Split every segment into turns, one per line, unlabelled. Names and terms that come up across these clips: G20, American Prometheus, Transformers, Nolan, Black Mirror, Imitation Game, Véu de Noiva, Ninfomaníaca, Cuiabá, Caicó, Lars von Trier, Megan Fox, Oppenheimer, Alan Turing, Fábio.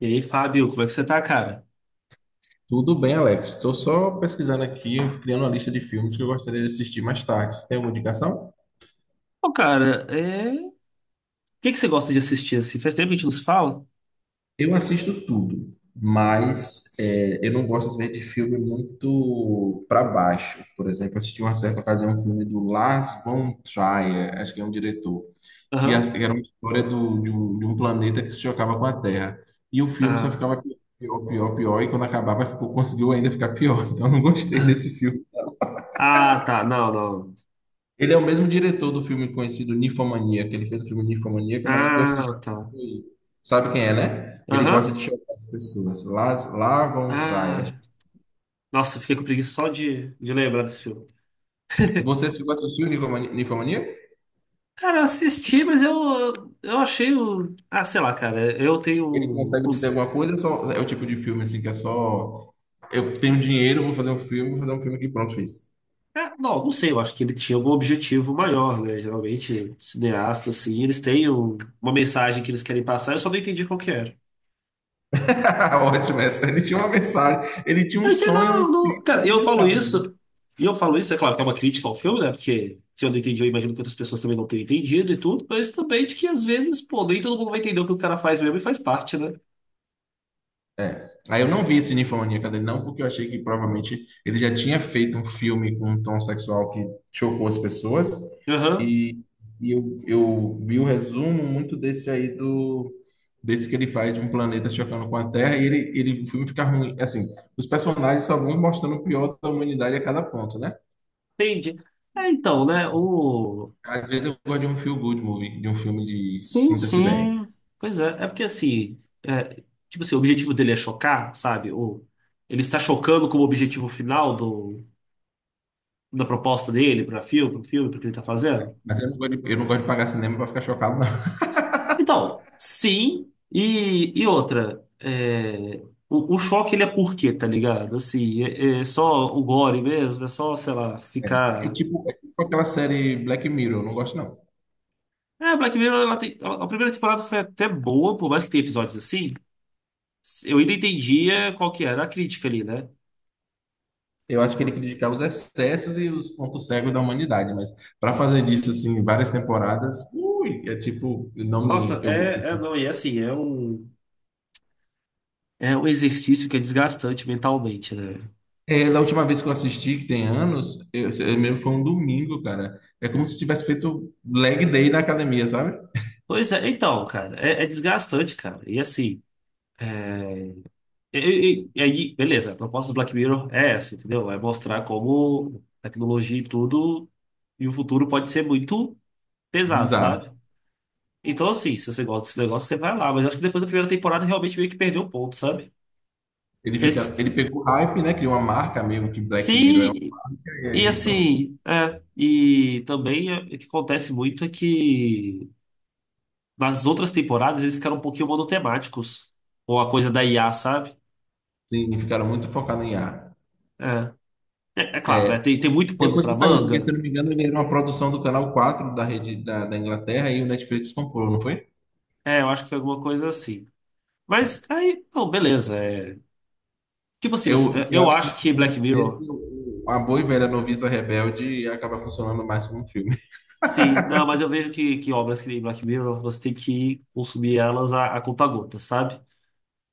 E aí, Fábio, como é que você tá, cara?
Tudo bem, Alex. Estou só pesquisando aqui, criando uma lista de filmes que eu gostaria de assistir mais tarde. Você tem alguma indicação?
Pô, cara, o que que você gosta de assistir assim? Faz tempo que a gente não se fala?
Eu assisto tudo, mas eu não gosto às vezes de filme muito para baixo. Por exemplo, assisti uma certa ocasião um filme do Lars von Trier, acho que é um diretor,
Aham.
que era uma história de um planeta que se chocava com a Terra. E o filme só
Ah.
ficava pior, pior, pior, e quando acabava ficou, conseguiu ainda ficar pior. Então eu não gostei desse filme.
Ah, tá. Não, não.
Ele é o mesmo diretor do filme conhecido Ninfomania, que ele fez o filme Ninfomaníaca, mas o que eu assisti
Ah, tá.
foi... Sabe quem é, né? Ele gosta de
Aham.
chocar as pessoas. Lars von Trier.
Ah. Nossa, eu fiquei com preguiça só de lembrar desse filme.
Você chegou a assistir o Ninfomaníaca?
Cara, eu assisti, mas eu achei o. Ah, sei lá, cara. Eu
Ele
tenho
consegue dizer
os.
alguma coisa, só é o tipo de filme assim que é só eu tenho dinheiro, vou fazer um filme, vou fazer um filme que pronto, fiz.
Ah, não, não sei, eu acho que ele tinha algum objetivo maior, né? Geralmente, cineastas, assim, eles têm uma mensagem que eles querem passar, eu só não entendi qual que era.
Ótimo essa. Ele tinha uma mensagem, ele tinha um
Eu disse,
sonho, um
não, não.
script e
Cara,
uma
eu falo
mensagem.
isso, e eu falo isso, é claro que é uma crítica ao filme, né? Porque se eu não entendi, eu imagino que outras pessoas também não tenham entendido e tudo, mas também de que às vezes, pô, nem todo mundo vai entender o que o cara faz mesmo e faz parte, né?
Aí eu não vi esse Ninfomaníaca dele, não, porque eu achei que provavelmente ele já tinha feito um filme com um tom sexual que chocou as pessoas.
Aham,
E, e eu vi o resumo muito desse aí do. Desse que ele faz de um planeta chocando com a Terra, e ele, o filme fica ruim. Assim, os personagens só vão mostrando o pior da humanidade a cada ponto, né?
entendi. É, então, né?
Às vezes eu gosto de um feel good movie, de um filme de
Sim,
sinta-se bem.
sim. Pois é porque assim, é, tipo assim, o objetivo dele é chocar, sabe? Ele está chocando como objetivo final da proposta dele para filme, pro que ele tá fazendo.
Mas eu não gosto de, eu não gosto de pagar cinema pra ficar chocado, não.
Então, sim, e outra, o choque ele é por quê, tá ligado? Assim, é só o gore mesmo, é só, sei lá, ficar.
É tipo aquela série Black Mirror, eu não gosto, não.
É, Black Mirror, ela tem- a primeira temporada foi até boa, por mais que tenha episódios assim, eu ainda entendia qual que era a crítica ali, né?
Eu acho que ele criticava os excessos e os pontos cegos da humanidade, mas para fazer disso assim várias temporadas, ui, é tipo, não me
Nossa,
eu
não, e assim, é um exercício que é desgastante mentalmente, né?
da última vez que eu assisti, que tem anos, eu mesmo foi um domingo, cara. É como se tivesse feito leg day na academia, sabe?
Pois é, então, cara, é desgastante, cara, e assim. E aí, beleza, a proposta do Black Mirror é essa, entendeu? Vai mostrar como tecnologia e tudo, e o futuro pode ser muito pesado,
Bizarro.
sabe? Então, assim, se você gosta desse negócio, você vai lá. Mas eu acho que depois da primeira temporada realmente meio que perdeu o ponto, sabe?
Ele fica,
Eles-
ele pegou hype, né? Criou uma marca mesmo que Black Mirror é
Sim,
única, e
e
aí pronto.
assim, e também o que acontece muito é que nas outras temporadas eles ficaram um pouquinho monotemáticos, ou a coisa da IA, sabe?
Sim, ficaram muito focados em ar.
É, é claro, né? Tem muito pano
Depois que
pra
saiu, porque se eu
manga.
não me engano, ele era uma produção do Canal 4 da rede da Inglaterra e o Netflix comprou, não foi?
É, eu acho que foi alguma coisa assim. Mas aí, não, beleza. Tipo assim, mas,
Eu, tem hora
eu
que no
acho que Black
momento desse,
Mirror.
a boa e
cu-
velha noviça rebelde acaba funcionando mais como um filme.
Sim, não, mas eu vejo que obras que nem Black Mirror você tem que consumir elas a conta-gota, sabe?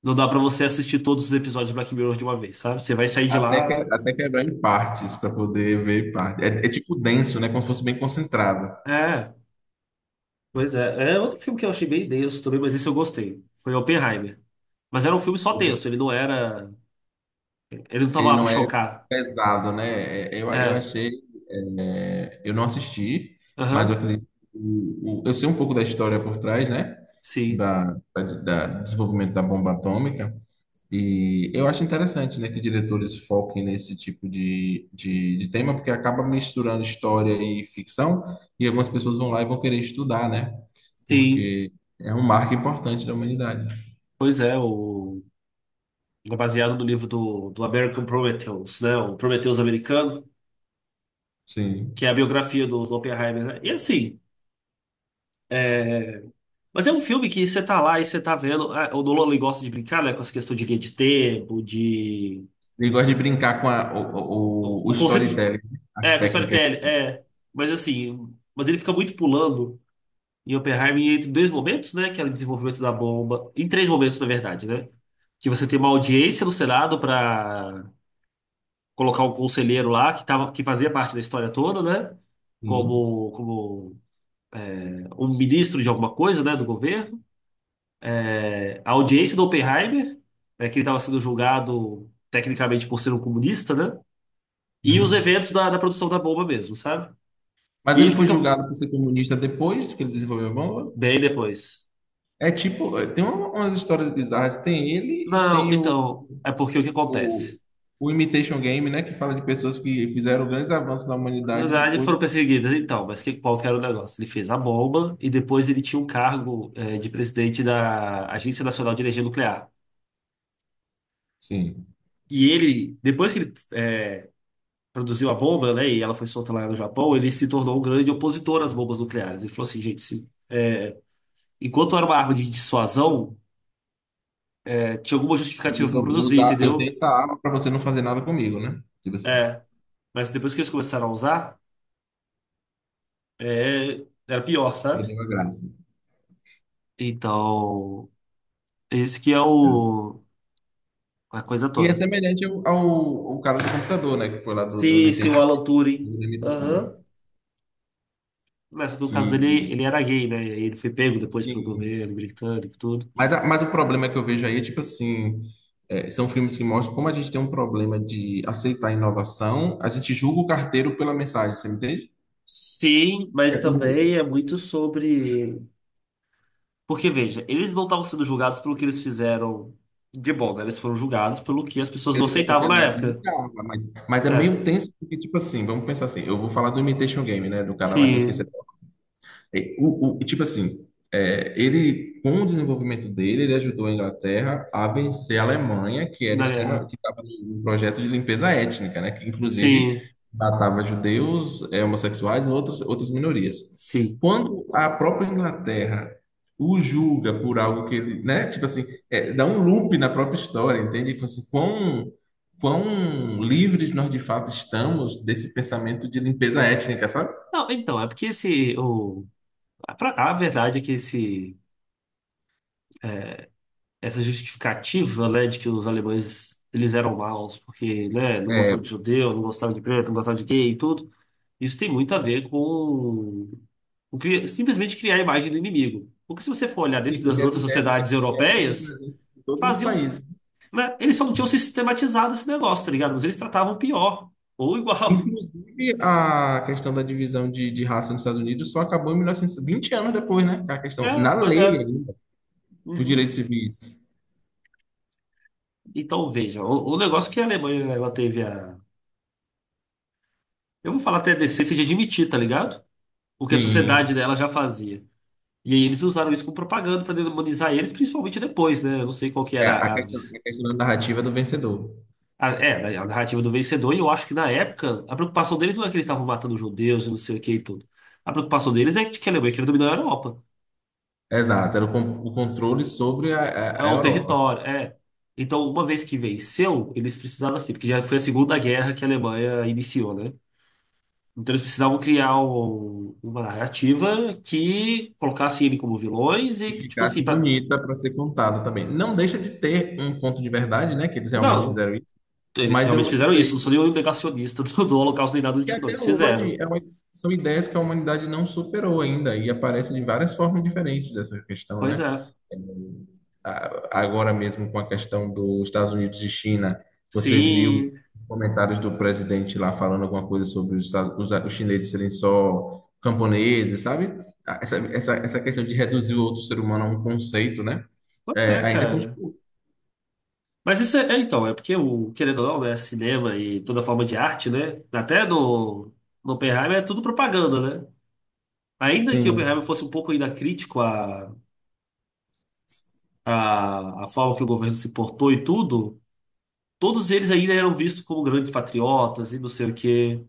Não dá pra você assistir todos os episódios de Black Mirror de uma vez, sabe? Você vai sair de
Até, que, é,
lá.
até quebrar em partes, para poder ver em partes. É, é tipo denso, né? Como se fosse bem concentrado.
É, pois é. É outro filme que eu achei bem denso também, mas esse eu gostei. Foi Oppenheimer. Mas era um filme só tenso, ele não era. Ele não tava
Ele
lá pra
não é
chocar.
pesado, né? É, é, eu
É,
achei. Eu não assisti, mas eu
aham,
acredito. Que eu sei um pouco da história por trás, né?
sim,
Da desenvolvimento da bomba atômica. E eu acho interessante, né, que diretores foquem nesse tipo de tema, porque acaba misturando história e ficção, e algumas pessoas vão lá e vão querer estudar, né?
sim.
Porque é um marco importante da humanidade.
Pois é, o. É baseado no livro do, do American Prometheus, né? O Prometheus americano,
Sim.
que é a biografia do Oppenheimer, né? E assim, é... mas é um filme que você tá lá e você tá vendo. Ah, o Nolan ele gosta de brincar, né? Com essa questão de linha de tempo, de.
Ele gosta de brincar com a-
O,
o, o, o
o conceito de.
storytelling, as
É, com
técnicas.
storytelling. Mas assim, mas ele fica muito pulando em Oppenheimer entre dois momentos, né? Que é o desenvolvimento da bomba. Em três momentos, na verdade, né? Que você tem uma audiência no Senado para colocar um conselheiro lá que tava, que fazia parte da história toda, né?
Sim.
Como é, um ministro de alguma coisa, né, do governo. É, a audiência do Oppenheimer, né, que ele estava sendo julgado tecnicamente por ser um comunista, né? E os
Uhum.
eventos da produção da bomba mesmo, sabe?
Mas
E
ele
ele
foi
fica
julgado por ser comunista depois que ele desenvolveu a bomba.
bem depois.
É tipo, tem umas histórias bizarras. Tem ele e
Não,
tem
então, é porque o que
o,
acontece?
o Imitation Game, né? Que fala de pessoas que fizeram grandes avanços na
Na
humanidade e
verdade,
depois
foram
o processo.
perseguidas, então, mas que, qual que era o negócio? Ele fez a bomba e depois ele tinha um cargo, de presidente da Agência Nacional de Energia Nuclear.
Sim.
E ele, depois que ele produziu a bomba, né, e ela foi solta lá no Japão, ele se tornou um grande opositor às bombas nucleares. Ele falou assim, gente, enquanto era uma arma de dissuasão, tinha alguma
Eu
justificativa para
só vou
produzir,
usar, eu tenho
entendeu?
essa arma para você não fazer nada comigo, né? Tipo assim,
É, mas depois que eles começaram a usar, era pior, sabe?
perdeu a graça.
Então, esse que é
Né?
a coisa
E é
toda.
semelhante ao cara do computador, né? Que foi lá do
Sim, sim, o
Imitation,
Alan Turing,
da imitação.
aham. Mas só que no caso
Que,
dele, ele era gay, né? E aí ele foi pego depois pelo
sim.
governo britânico e tudo.
Mas o problema que eu vejo aí é tipo assim. São filmes que mostram como a gente tem um problema de aceitar inovação, a gente julga o carteiro pela mensagem, você me entende?
Sim,
É
mas
como
também é muito sobre. Porque, veja, eles não estavam sendo julgados pelo que eles fizeram de bom, né? Eles foram julgados pelo que as pessoas não
pelo que a
aceitavam na
sociedade
época.
julgava, mas é
É.
meio tenso, porque, tipo assim, vamos pensar assim, eu vou falar do Imitation Game, né, do cara lá que eu esqueci
Sim,
e, o, tipo assim, ele, com o desenvolvimento dele, ele ajudou a Inglaterra a vencer a Alemanha, que era
na
extrema,
guerra.
que estava num projeto de limpeza étnica, né? Que inclusive
Sim,
matava judeus, homossexuais e outros, outras minorias.
sim.
Quando a própria Inglaterra o julga por algo que ele, né? Tipo assim, dá um loop na própria história, entende? Tipo assim, quão, livres nós de fato estamos desse pensamento de limpeza étnica, sabe?
Não, então, é porque esse. A verdade é que esse... essa justificativa, né, de que os alemães eles eram maus porque, né, não
É,
gostavam de judeu, não gostavam de preto, não gostavam de gay e tudo, isso tem muito a ver com. Simplesmente criar a imagem do inimigo. Porque se você for olhar dentro
sim,
das
porque as
outras
ideias que
sociedades
eles tiveram estavam
europeias,
presentes em todos os
faziam,
países.
né, eles só não tinham sistematizado esse negócio, tá ligado? Mas eles tratavam pior ou igual.
Inclusive, a questão da divisão de raça nos Estados Unidos só acabou em mil novecentos e 20 anos depois, né? A questão,
É,
na
pois
lei
é.
ainda, os
Uhum.
direitos civis.
Então veja, o negócio que a Alemanha ela teve a, eu vou falar até a decência de admitir, tá ligado? O que a sociedade
Sim.
dela já fazia. E aí eles usaram isso como propaganda para demonizar eles, principalmente depois, né? Eu não sei qual que
É,
era a,
a questão da narrativa do vencedor.
A narrativa do vencedor, e eu acho que na época a preocupação deles não é que eles estavam matando judeus e não sei o que e tudo. A preocupação deles é que a Alemanha queria dominar a Europa,
Exato, era o, o controle sobre a, a,
é
a
o
Europa.
território. Então, uma vez que venceu, eles precisavam assim, porque já foi a Segunda Guerra que a Alemanha iniciou, né? Então eles precisavam criar uma narrativa que colocasse ele como vilões e,
E
que, tipo assim,
ficasse
pra...
bonita para ser contada também. Não deixa de ter um ponto de verdade, né? Que eles realmente
não,
fizeram isso.
eles
Mas
realmente
eu
fizeram isso, não
sei,
sou nenhum negacionista do Holocausto nem nada do
e
tipo, não,
até
eles fizeram.
hoje é uma- são ideias que a humanidade não superou ainda e aparecem de várias formas diferentes essa questão,
Pois
né?
é.
É, agora mesmo com a questão dos Estados Unidos e China, você viu
Sim,
os comentários do presidente lá falando alguma coisa sobre os chineses serem só camponeses, sabe? Ah, essa questão de reduzir o outro ser humano a um conceito, né?
pois
É,
é,
ainda
cara.
continua.
Mas isso é, então, é porque o, querendo ou não, né, cinema e toda forma de arte, né? Até no Oppenheimer é tudo propaganda, né? Ainda que o
Sim.
Oppenheimer fosse um pouco ainda crítico à forma que o governo se portou e tudo, todos eles ainda eram vistos como grandes patriotas e não sei o quê.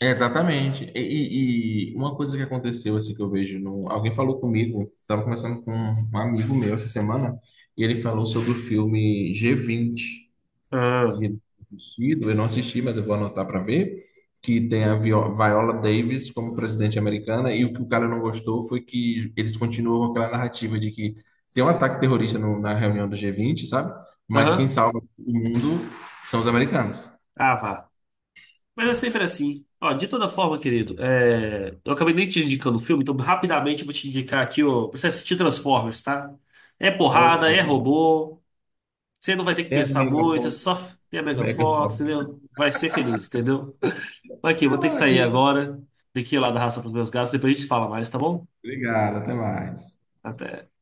Exatamente. E uma coisa que aconteceu, assim, que eu vejo no... Alguém falou comigo, estava conversando com um amigo meu essa semana, e ele falou sobre o filme G20,
Ah.
que ele tinha assistido, eu não assisti, mas eu vou anotar para ver, que tem a Viola Davis como presidente americana, e o que o cara não gostou foi que eles continuam com aquela narrativa de que tem um ataque terrorista na reunião do G20, sabe? Mas quem
Aham.
salva o mundo são os americanos.
Ah, vá. Mas é sempre assim. Ó, de toda forma, querido, eu acabei nem te indicando o filme, então rapidamente eu vou te indicar aqui, ó, pra você assistir Transformers, tá? É
Ok.
porrada, é robô. Você não vai ter que
Tem a
pensar
Megan
muito, é só
Fox.
ter a Megan
Megan
Fox,
Fox.
entendeu? Vai ser feliz, entendeu? Mas aqui, vou ter que sair
Ai,
agora. Daqui lá da raça pros meus gatos, depois a gente fala mais, tá bom?
obrigado, até mais.
Até.